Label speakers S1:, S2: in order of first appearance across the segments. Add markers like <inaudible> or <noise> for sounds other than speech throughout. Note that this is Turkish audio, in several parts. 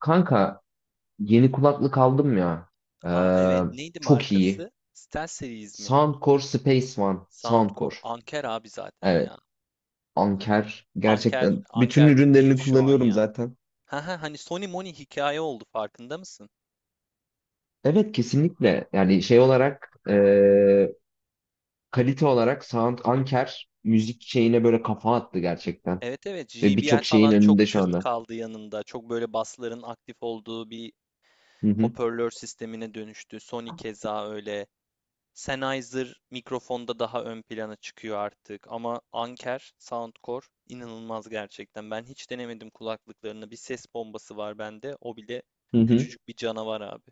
S1: Kanka, yeni kulaklık aldım ya. Ee,
S2: Aa evet neydi
S1: Çok iyi.
S2: markası? Stel Series mi?
S1: Soundcore Space One.
S2: Soundcore.
S1: Soundcore.
S2: Anker abi zaten
S1: Evet.
S2: ya. Hani
S1: Anker.
S2: Anker
S1: Gerçekten bütün
S2: Anker bir dev
S1: ürünlerini
S2: şu an
S1: kullanıyorum
S2: ya.
S1: zaten.
S2: Ha ha hani Sony Moni hikaye oldu farkında mısın?
S1: Evet, kesinlikle. Yani şey olarak, kalite olarak Sound Anker müzik şeyine böyle kafa attı gerçekten.
S2: Evet evet
S1: Ve
S2: JBL
S1: birçok şeyin
S2: falan çok
S1: önünde şu
S2: tırt
S1: anda.
S2: kaldı yanında. Çok böyle basların aktif olduğu bir
S1: Hı hı.
S2: hoparlör sistemine dönüştü. Sony keza öyle. Sennheiser mikrofonda daha ön plana çıkıyor artık ama Anker, Soundcore inanılmaz gerçekten. Ben hiç denemedim kulaklıklarını. Bir ses bombası var bende. O bile
S1: Hı hı.
S2: küçücük bir canavar abi.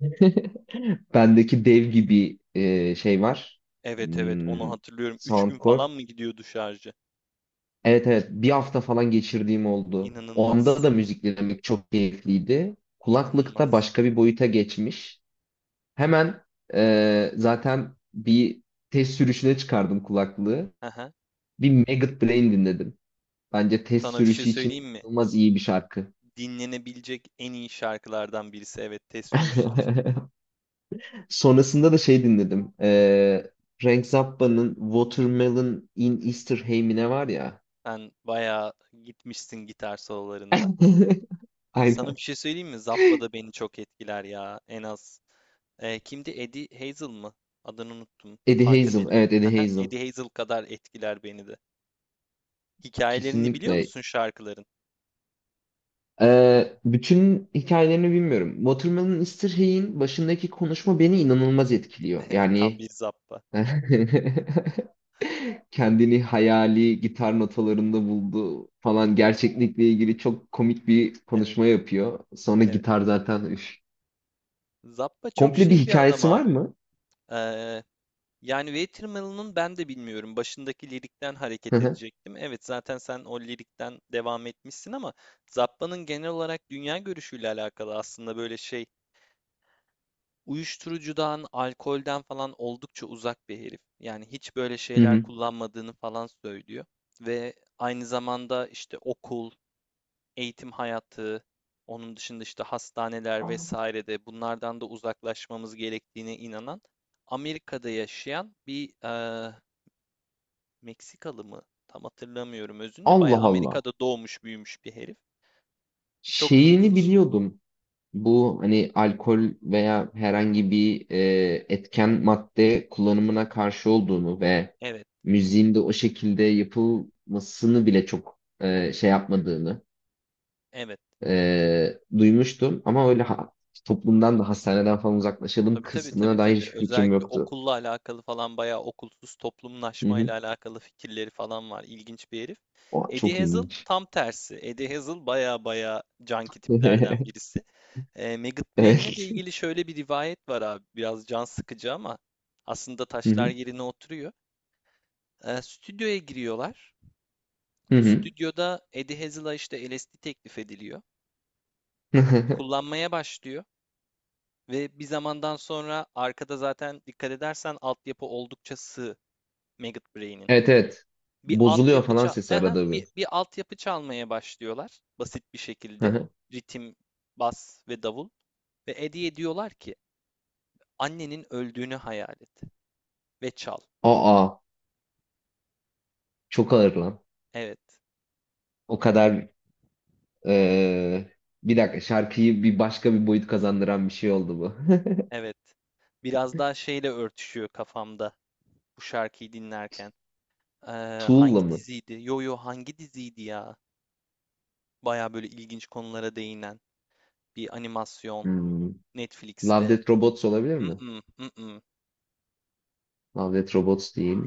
S1: <laughs> Bendeki dev gibi şey var.
S2: Evet evet onu
S1: Hmm,
S2: hatırlıyorum. 3 gün
S1: Soundcore.
S2: falan mı gidiyordu şarjı?
S1: Evet, evet, bir hafta falan geçirdiğim oldu. Onda da
S2: İnanılmaz.
S1: müzik dinlemek çok keyifliydi. Kulaklıkta
S2: İnanılmaz.
S1: başka bir boyuta geçmiş. Hemen, zaten bir test sürüşüne çıkardım kulaklığı.
S2: Aha.
S1: Bir Maggot Brain dinledim. Bence test
S2: Sana bir şey
S1: sürüşü için
S2: söyleyeyim mi?
S1: inanılmaz iyi bir şarkı.
S2: Dinlenebilecek en iyi şarkılardan birisi evet test sürüşü için.
S1: <laughs> Sonrasında da şey dinledim. Frank Zappa'nın Watermelon in Easter Hay mi ne var ya.
S2: Sen bayağı gitmişsin gitar sololarında.
S1: <laughs>
S2: Sana
S1: Aynen.
S2: bir şey söyleyeyim mi? Zappa da beni çok etkiler ya. En az. Kimdi? Eddie Hazel mı? Adını unuttum.
S1: Eddie Hazel.
S2: Funkadelic.
S1: Evet, Eddie
S2: Haha,
S1: Hazel.
S2: Eddie Hazel kadar etkiler beni de. Hikayelerini biliyor
S1: Kesinlikle.
S2: musun şarkıların?
S1: Bütün hikayelerini bilmiyorum. Watermelon Mr. Hay'in başındaki konuşma beni inanılmaz etkiliyor.
S2: <laughs> Tam
S1: Yani
S2: bir Zappa.
S1: <laughs> kendini hayali gitar notalarında buldu falan, gerçeklikle ilgili çok komik bir
S2: Evet,
S1: konuşma yapıyor. Sonra
S2: evet.
S1: gitar zaten üf.
S2: Zappa çok
S1: Komple bir
S2: şey bir adam
S1: hikayesi var
S2: abi.
S1: mı?
S2: Ee, Yani Watermelon'un ben de bilmiyorum. Başındaki lirikten
S1: Hı
S2: hareket
S1: hı.
S2: edecektim. Evet, zaten sen o lirikten devam etmişsin ama Zappa'nın genel olarak dünya görüşüyle alakalı aslında böyle şey uyuşturucudan, alkolden falan oldukça uzak bir herif. Yani hiç böyle
S1: Hı
S2: şeyler
S1: hı.
S2: kullanmadığını falan söylüyor. Ve aynı zamanda işte okul, eğitim hayatı, onun dışında işte hastaneler vesaire de bunlardan da uzaklaşmamız gerektiğine inanan Amerika'da yaşayan bir Meksikalı mı? Tam hatırlamıyorum özünde.
S1: Allah
S2: Bayağı
S1: Allah.
S2: Amerika'da doğmuş büyümüş bir herif. Çok
S1: Şeyini
S2: ilginç.
S1: biliyordum. Bu hani alkol veya herhangi bir etken madde kullanımına karşı olduğunu ve
S2: Evet,
S1: müziğin de o şekilde yapılmasını bile çok şey yapmadığını
S2: evet.
S1: duymuştum. Ama toplumdan da hastaneden falan uzaklaşalım
S2: Tabii tabii
S1: kısmına
S2: tabii
S1: dair
S2: tabii.
S1: hiçbir fikrim
S2: Özellikle
S1: yoktu.
S2: okulla alakalı falan bayağı okulsuz
S1: Hı hı.
S2: toplumlaşmayla alakalı fikirleri falan var. İlginç bir herif.
S1: O
S2: Eddie
S1: çok
S2: Hazel
S1: ilginç.
S2: tam tersi. Eddie Hazel bayağı bayağı canki tiplerden
S1: <laughs>
S2: birisi. Maggot Brain'le de
S1: Evet.
S2: ilgili şöyle bir rivayet var abi. Biraz can sıkıcı ama aslında
S1: Hı
S2: taşlar
S1: hı.
S2: yerine oturuyor. Stüdyoya giriyorlar.
S1: Hı hı.
S2: Stüdyoda Eddie Hazel'a işte LSD teklif ediliyor.
S1: <laughs>
S2: Kullanmaya başlıyor. Ve bir zamandan sonra arkada zaten dikkat edersen altyapı oldukça sığ. Maggot Brain'in.
S1: Evet, evet.
S2: Bir
S1: Bozuluyor
S2: altyapı
S1: falan
S2: ça
S1: sesi
S2: Aha,
S1: arada bir.
S2: bir altyapı çalmaya başlıyorlar basit bir
S1: Hı
S2: şekilde.
S1: hı.
S2: Ritim, bas ve davul. Ve Eddie'ye diyorlar ki annenin öldüğünü hayal et ve çal.
S1: Aa, çok ağır lan.
S2: Evet,
S1: O kadar Ee, bir dakika şarkıyı bir başka bir boyut kazandıran bir şey oldu bu.
S2: evet. Biraz daha şeyle örtüşüyor kafamda bu şarkıyı dinlerken. Ee,
S1: <laughs> Tool'la
S2: Hangi
S1: mı?
S2: diziydi? Yo yo hangi diziydi ya? Baya böyle ilginç konulara değinen bir animasyon
S1: Hmm. Love
S2: Netflix'te.
S1: Death Robots olabilir mi?
S2: Mm-mm, mm-mm.
S1: Love Death Robots değil.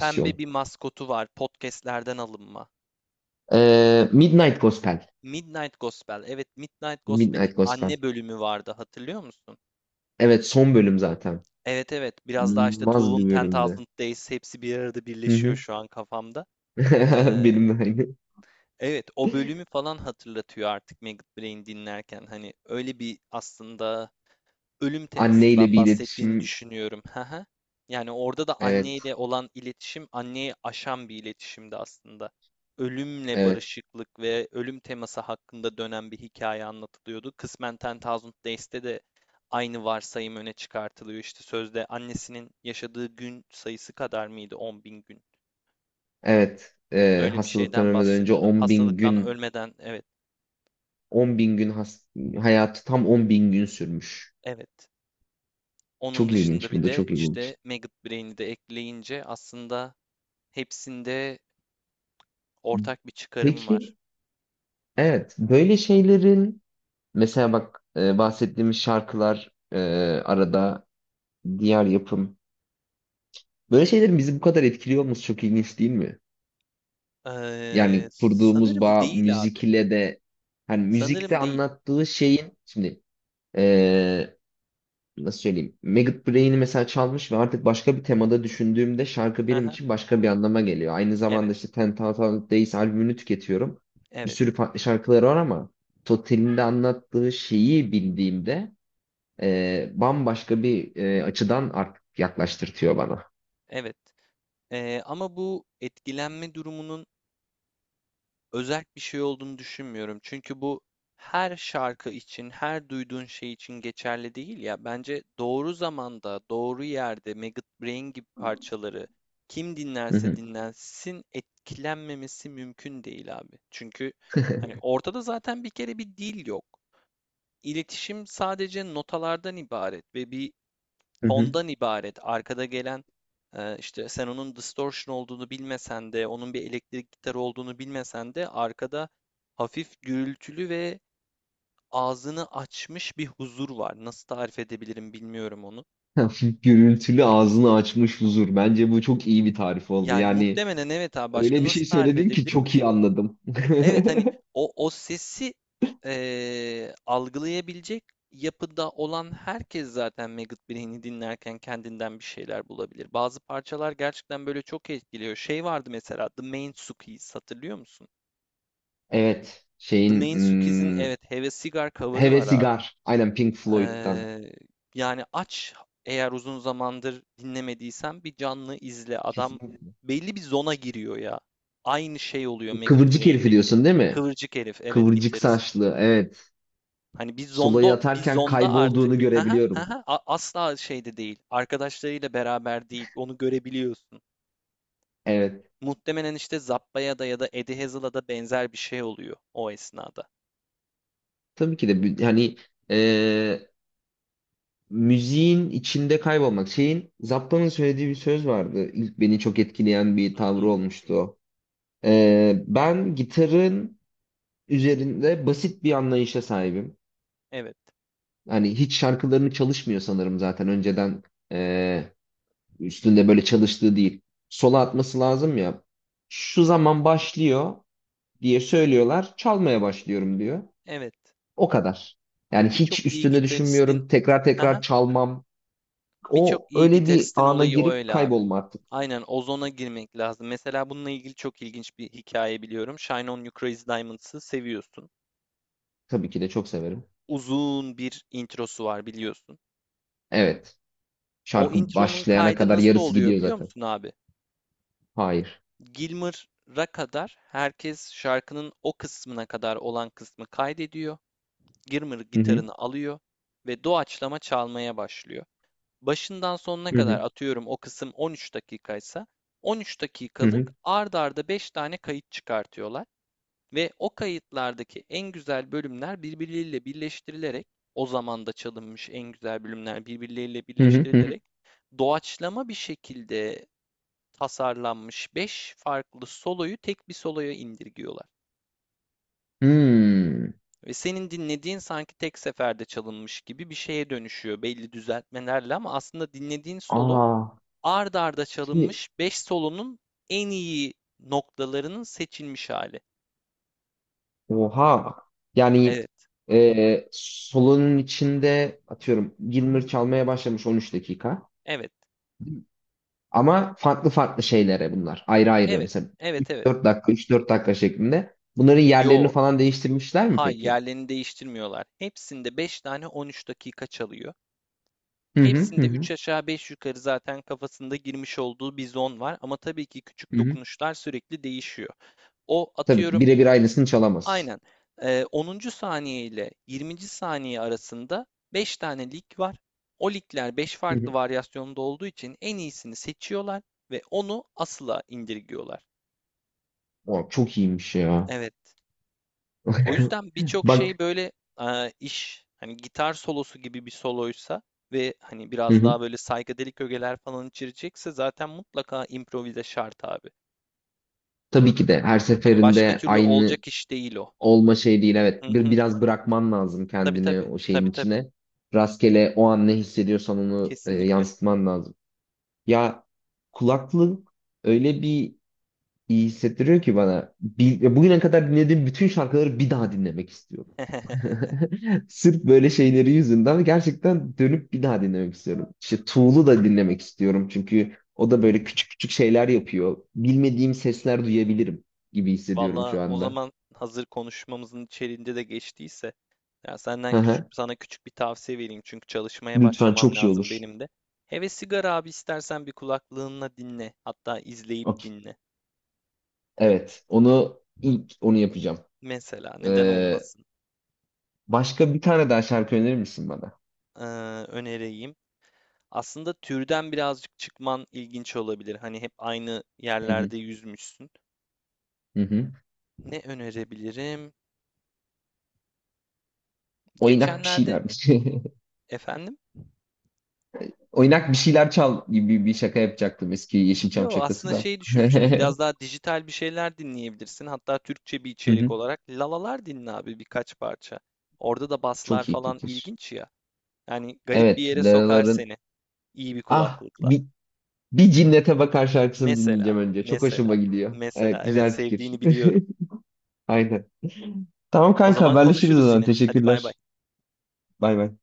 S2: Pembe bir maskotu var. Podcast'lerden alınma.
S1: Midnight Gospel.
S2: Midnight Gospel. Evet, Midnight Gospel'in
S1: Midnight Gospel.
S2: anne bölümü vardı. Hatırlıyor musun?
S1: Evet, son bölüm zaten.
S2: Evet evet. Biraz daha işte
S1: İnanılmaz
S2: Tool'un
S1: bir bölümdü.
S2: 10,000 Days hepsi bir arada
S1: Hı
S2: birleşiyor
S1: hı.
S2: şu an kafamda.
S1: <laughs>
S2: Ee,
S1: Benim de aynı.
S2: evet o bölümü falan hatırlatıyor artık Maggot Brain dinlerken. Hani öyle bir aslında ölüm
S1: Anneyle
S2: temasından
S1: bir
S2: bahsettiğini
S1: iletişim.
S2: düşünüyorum. Hı hı. Yani orada da
S1: Evet.
S2: anneyle olan iletişim anneyi aşan bir iletişimdi aslında. Ölümle
S1: Evet.
S2: barışıklık ve ölüm teması hakkında dönen bir hikaye anlatılıyordu. Kısmen Ten Thousand Days'te de aynı varsayım öne çıkartılıyor. İşte sözde annesinin yaşadığı gün sayısı kadar mıydı? 10 bin gün.
S1: Evet.
S2: Öyle bir
S1: Hastalıktan
S2: şeyden
S1: ölmeden önce
S2: bahsediyordu.
S1: 10 bin
S2: Hastalıktan
S1: gün
S2: ölmeden evet,
S1: 10 bin gün has- hayatı tam 10 bin gün sürmüş.
S2: evet. Onun
S1: Çok
S2: dışında
S1: ilginç. Bu
S2: bir
S1: da
S2: de
S1: çok ilginç.
S2: işte Maggot Brain'i de ekleyince aslında hepsinde ortak bir çıkarım var.
S1: Peki, evet, böyle şeylerin, mesela bak, bahsettiğimiz şarkılar, e, arada diğer yapım böyle şeylerin bizi bu kadar etkiliyor olması çok ilginç değil mi? Yani kurduğumuz
S2: Sanırım
S1: bağ
S2: değil abi.
S1: müzik ile de, hani müzikte
S2: Sanırım değil.
S1: anlattığı şeyin şimdi, e, nasıl söyleyeyim, Maggot Brain'i mesela çalmış ve artık başka bir temada düşündüğümde şarkı benim
S2: Haha,
S1: için başka bir anlama geliyor. Aynı
S2: evet,
S1: zamanda işte Ten Thousand Days albümünü tüketiyorum. Bir
S2: evet,
S1: sürü farklı şarkıları var ama Total'in de anlattığı şeyi bildiğimde bambaşka bir açıdan artık yaklaştırtıyor bana.
S2: evet. Ama bu etkilenme durumunun özel bir şey olduğunu düşünmüyorum. Çünkü bu her şarkı için, her duyduğun şey için geçerli değil ya. Bence doğru zamanda, doğru yerde Maggot Brain gibi parçaları kim
S1: Hı
S2: dinlerse
S1: hı.
S2: dinlensin etkilenmemesi mümkün değil abi. Çünkü hani ortada zaten bir kere bir dil yok. İletişim sadece notalardan ibaret ve bir
S1: Hı hı.
S2: tondan ibaret. Arkada gelen işte sen onun distortion olduğunu bilmesen de, onun bir elektrik gitarı olduğunu bilmesen de arkada hafif gürültülü ve ağzını açmış bir huzur var. Nasıl tarif edebilirim bilmiyorum onu.
S1: <laughs> Hafif gürültülü ağzını açmış huzur. Bence bu çok iyi bir tarif oldu.
S2: Yani
S1: Yani
S2: muhtemelen evet abi başka
S1: öyle bir şey
S2: nasıl tarif
S1: söyledin ki
S2: edebilirim
S1: çok iyi
S2: ki?
S1: anladım. <laughs>
S2: Evet hani o sesi algılayabilecek yapıda olan herkes zaten Maggot Brain'i dinlerken kendinden bir şeyler bulabilir. Bazı parçalar gerçekten böyle çok etkiliyor. Şey vardı mesela The Mainsuki's hatırlıyor musun?
S1: Evet,
S2: The
S1: şeyin
S2: Mainsuki's'in evet Have a Cigar cover'ı var abi.
S1: Hevesigar. Aynen, Pink Floyd'dan.
S2: Eee, Yani aç eğer uzun zamandır dinlemediysen bir canlı izle. Adam
S1: Kesinlikle.
S2: belli bir zona giriyor ya. Aynı şey oluyor Maggot
S1: Kıvırcık herifi
S2: Brain'deki.
S1: diyorsun değil mi?
S2: Kıvırcık herif evet
S1: Kıvırcık
S2: gitarist.
S1: saçlı. Evet.
S2: Hani bir
S1: Solo'yu
S2: zondo, bir
S1: atarken
S2: zonda artık.
S1: kaybolduğunu
S2: Hı hı,
S1: görebiliyorum.
S2: A- Asla şeyde değil. Arkadaşlarıyla beraber değil. Onu görebiliyorsun.
S1: Evet.
S2: Muhtemelen işte Zappa'ya da ya da Eddie Hazel'a da benzer bir şey oluyor o esnada.
S1: Hani, e, müziğin içinde kaybolmak. Şeyin, Zappa'nın söylediği bir söz vardı. İlk beni çok etkileyen bir
S2: Hı
S1: tavrı
S2: hı.
S1: olmuştu o. Ben gitarın üzerinde basit bir anlayışa sahibim.
S2: Evet.
S1: Hani hiç şarkılarını çalışmıyor sanırım zaten önceden. Üstünde böyle çalıştığı değil. Sola atması lazım ya. Şu zaman başlıyor diye söylüyorlar. Çalmaya başlıyorum diyor.
S2: Evet.
S1: O kadar. Yani
S2: Birçok
S1: hiç
S2: iyi
S1: üstünde
S2: gitaristin
S1: düşünmüyorum. Tekrar tekrar
S2: <laughs>
S1: çalmam.
S2: Birçok
S1: O
S2: iyi
S1: öyle bir
S2: gitaristin
S1: ana
S2: olayı o
S1: girip
S2: öyle abi.
S1: kaybolma artık.
S2: Aynen ozona girmek lazım. Mesela bununla ilgili çok ilginç bir hikaye biliyorum. Shine On You Crazy Diamonds'ı seviyorsun.
S1: Tabii ki de çok severim.
S2: Uzun bir introsu var biliyorsun.
S1: Evet.
S2: O
S1: Şarkı
S2: intronun
S1: başlayana
S2: kaydı
S1: kadar
S2: nasıl
S1: yarısı
S2: oluyor
S1: gidiyor
S2: biliyor
S1: zaten.
S2: musun abi?
S1: Hayır.
S2: Gilmour'a kadar herkes şarkının o kısmına kadar olan kısmı kaydediyor. Gilmour
S1: Hı hı.
S2: gitarını alıyor ve doğaçlama çalmaya başlıyor. Başından sonuna
S1: Hı
S2: kadar
S1: hı.
S2: atıyorum o kısım 13 dakikaysa 13
S1: Hı hı.
S2: dakikalık ard arda 5 tane kayıt çıkartıyorlar ve o kayıtlardaki en güzel bölümler birbirleriyle birleştirilerek o zaman da çalınmış en güzel bölümler birbirleriyle
S1: Hı hı. Hı hı.
S2: birleştirilerek doğaçlama bir şekilde tasarlanmış 5 farklı soloyu tek bir soloya indirgiyorlar.
S1: Hmm.
S2: Ve senin dinlediğin sanki tek seferde çalınmış gibi bir şeye dönüşüyor belli düzeltmelerle ama aslında dinlediğin solo
S1: Aa.
S2: ard arda
S1: Şimdi
S2: çalınmış 5 solonun en iyi noktalarının seçilmiş hali.
S1: Oha. Yani
S2: Evet,
S1: solunun içinde, atıyorum, Gilmour çalmaya başlamış 13 dakika.
S2: evet,
S1: Ama farklı farklı şeylere bunlar. Ayrı ayrı
S2: evet,
S1: mesela
S2: evet, evet.
S1: 3-4 dakika 3-4 dakika şeklinde. Bunların yerlerini
S2: Yo,
S1: falan değiştirmişler mi
S2: hay
S1: peki?
S2: yerlerini değiştirmiyorlar. Hepsinde 5 tane 13 dakika çalıyor.
S1: Hı hı, hı
S2: Hepsinde
S1: hı.
S2: 3 aşağı beş yukarı zaten kafasında girmiş olduğu bir zon var. Ama tabii ki küçük
S1: Hı hı.
S2: dokunuşlar sürekli değişiyor. O
S1: Tabii ki
S2: atıyorum
S1: birebir aynısını çalamaz.
S2: aynen. 10. saniye ile 20. saniye arasında 5 tane lig var. O ligler 5
S1: Hı
S2: farklı
S1: hı.
S2: varyasyonda olduğu için en iyisini seçiyorlar ve onu asıla indirgiyorlar.
S1: O çok iyiymiş ya.
S2: Evet. O
S1: <laughs>
S2: yüzden birçok şey
S1: Bak,
S2: böyle iş hani gitar solosu gibi bir soloysa ve hani
S1: hı
S2: biraz
S1: hı.
S2: daha böyle psychedelic ögeler falan içirecekse zaten mutlaka improvize şart abi.
S1: Tabii ki de her
S2: Hani başka
S1: seferinde
S2: türlü
S1: aynı
S2: olacak iş değil o.
S1: olma şey değil evet.
S2: Hı hı.
S1: Biraz bırakman lazım
S2: Tabii
S1: kendini
S2: tabii.
S1: o
S2: Tabii
S1: şeyin
S2: tabii.
S1: içine. Rastgele o an ne hissediyorsan onu
S2: Kesinlikle.
S1: yansıtman lazım. Ya, kulaklık öyle bir iyi hissettiriyor ki bana. Bugüne kadar dinlediğim bütün şarkıları bir daha dinlemek istiyorum.
S2: <laughs>
S1: <laughs> Sırf böyle şeyleri yüzünden gerçekten dönüp bir daha dinlemek istiyorum. İşte Tool'u da dinlemek istiyorum çünkü o da böyle küçük küçük şeyler yapıyor. Bilmediğim sesler duyabilirim gibi hissediyorum
S2: Valla
S1: şu
S2: o
S1: anda.
S2: zaman hazır konuşmamızın içeriğinde de geçtiyse ya senden
S1: Hı
S2: küçük
S1: hı.
S2: sana küçük bir tavsiye vereyim çünkü çalışmaya
S1: Lütfen,
S2: başlamam
S1: çok iyi
S2: lazım
S1: olur.
S2: benim de. Hele sigara abi istersen bir kulaklığınla dinle hatta izleyip
S1: Okey.
S2: dinle.
S1: Evet. Onu ilk yapacağım.
S2: Mesela neden
S1: Ee,
S2: olmasın
S1: Başka bir tane daha şarkı önerir misin bana?
S2: ee, önereyim. Aslında türden birazcık çıkman ilginç olabilir. Hani hep aynı
S1: Hı hı.
S2: yerlerde yüzmüşsün.
S1: Hı hı.
S2: Ne önerebilirim?
S1: Oynak bir
S2: Geçenlerde
S1: şeyler.
S2: efendim?
S1: <laughs> Oynak bir şeyler çal gibi bir şaka yapacaktım, eski Yeşilçam
S2: Yo
S1: şakası
S2: aslında
S1: da.
S2: şey düşünmüştüm
S1: <laughs>
S2: biraz daha dijital bir şeyler dinleyebilirsin hatta Türkçe bir
S1: Hı
S2: içerik
S1: hı.
S2: olarak lalalar dinle abi birkaç parça orada da baslar
S1: Çok iyi
S2: falan
S1: fikir.
S2: ilginç ya yani garip bir
S1: Evet,
S2: yere sokar
S1: Leraların
S2: seni iyi bir
S1: ah
S2: kulaklıkla
S1: bir, bir cinnete bakar şarkısını
S2: mesela
S1: dinleyeceğim önce. Çok
S2: mesela
S1: hoşuma gidiyor.
S2: mesela
S1: Evet,
S2: evet
S1: güzel fikir.
S2: sevdiğini biliyorum
S1: <laughs> Aynen. Tamam
S2: o
S1: kanka,
S2: zaman
S1: haberleşiriz o
S2: konuşuruz
S1: zaman.
S2: yine hadi bay bay
S1: Teşekkürler. Bay bay.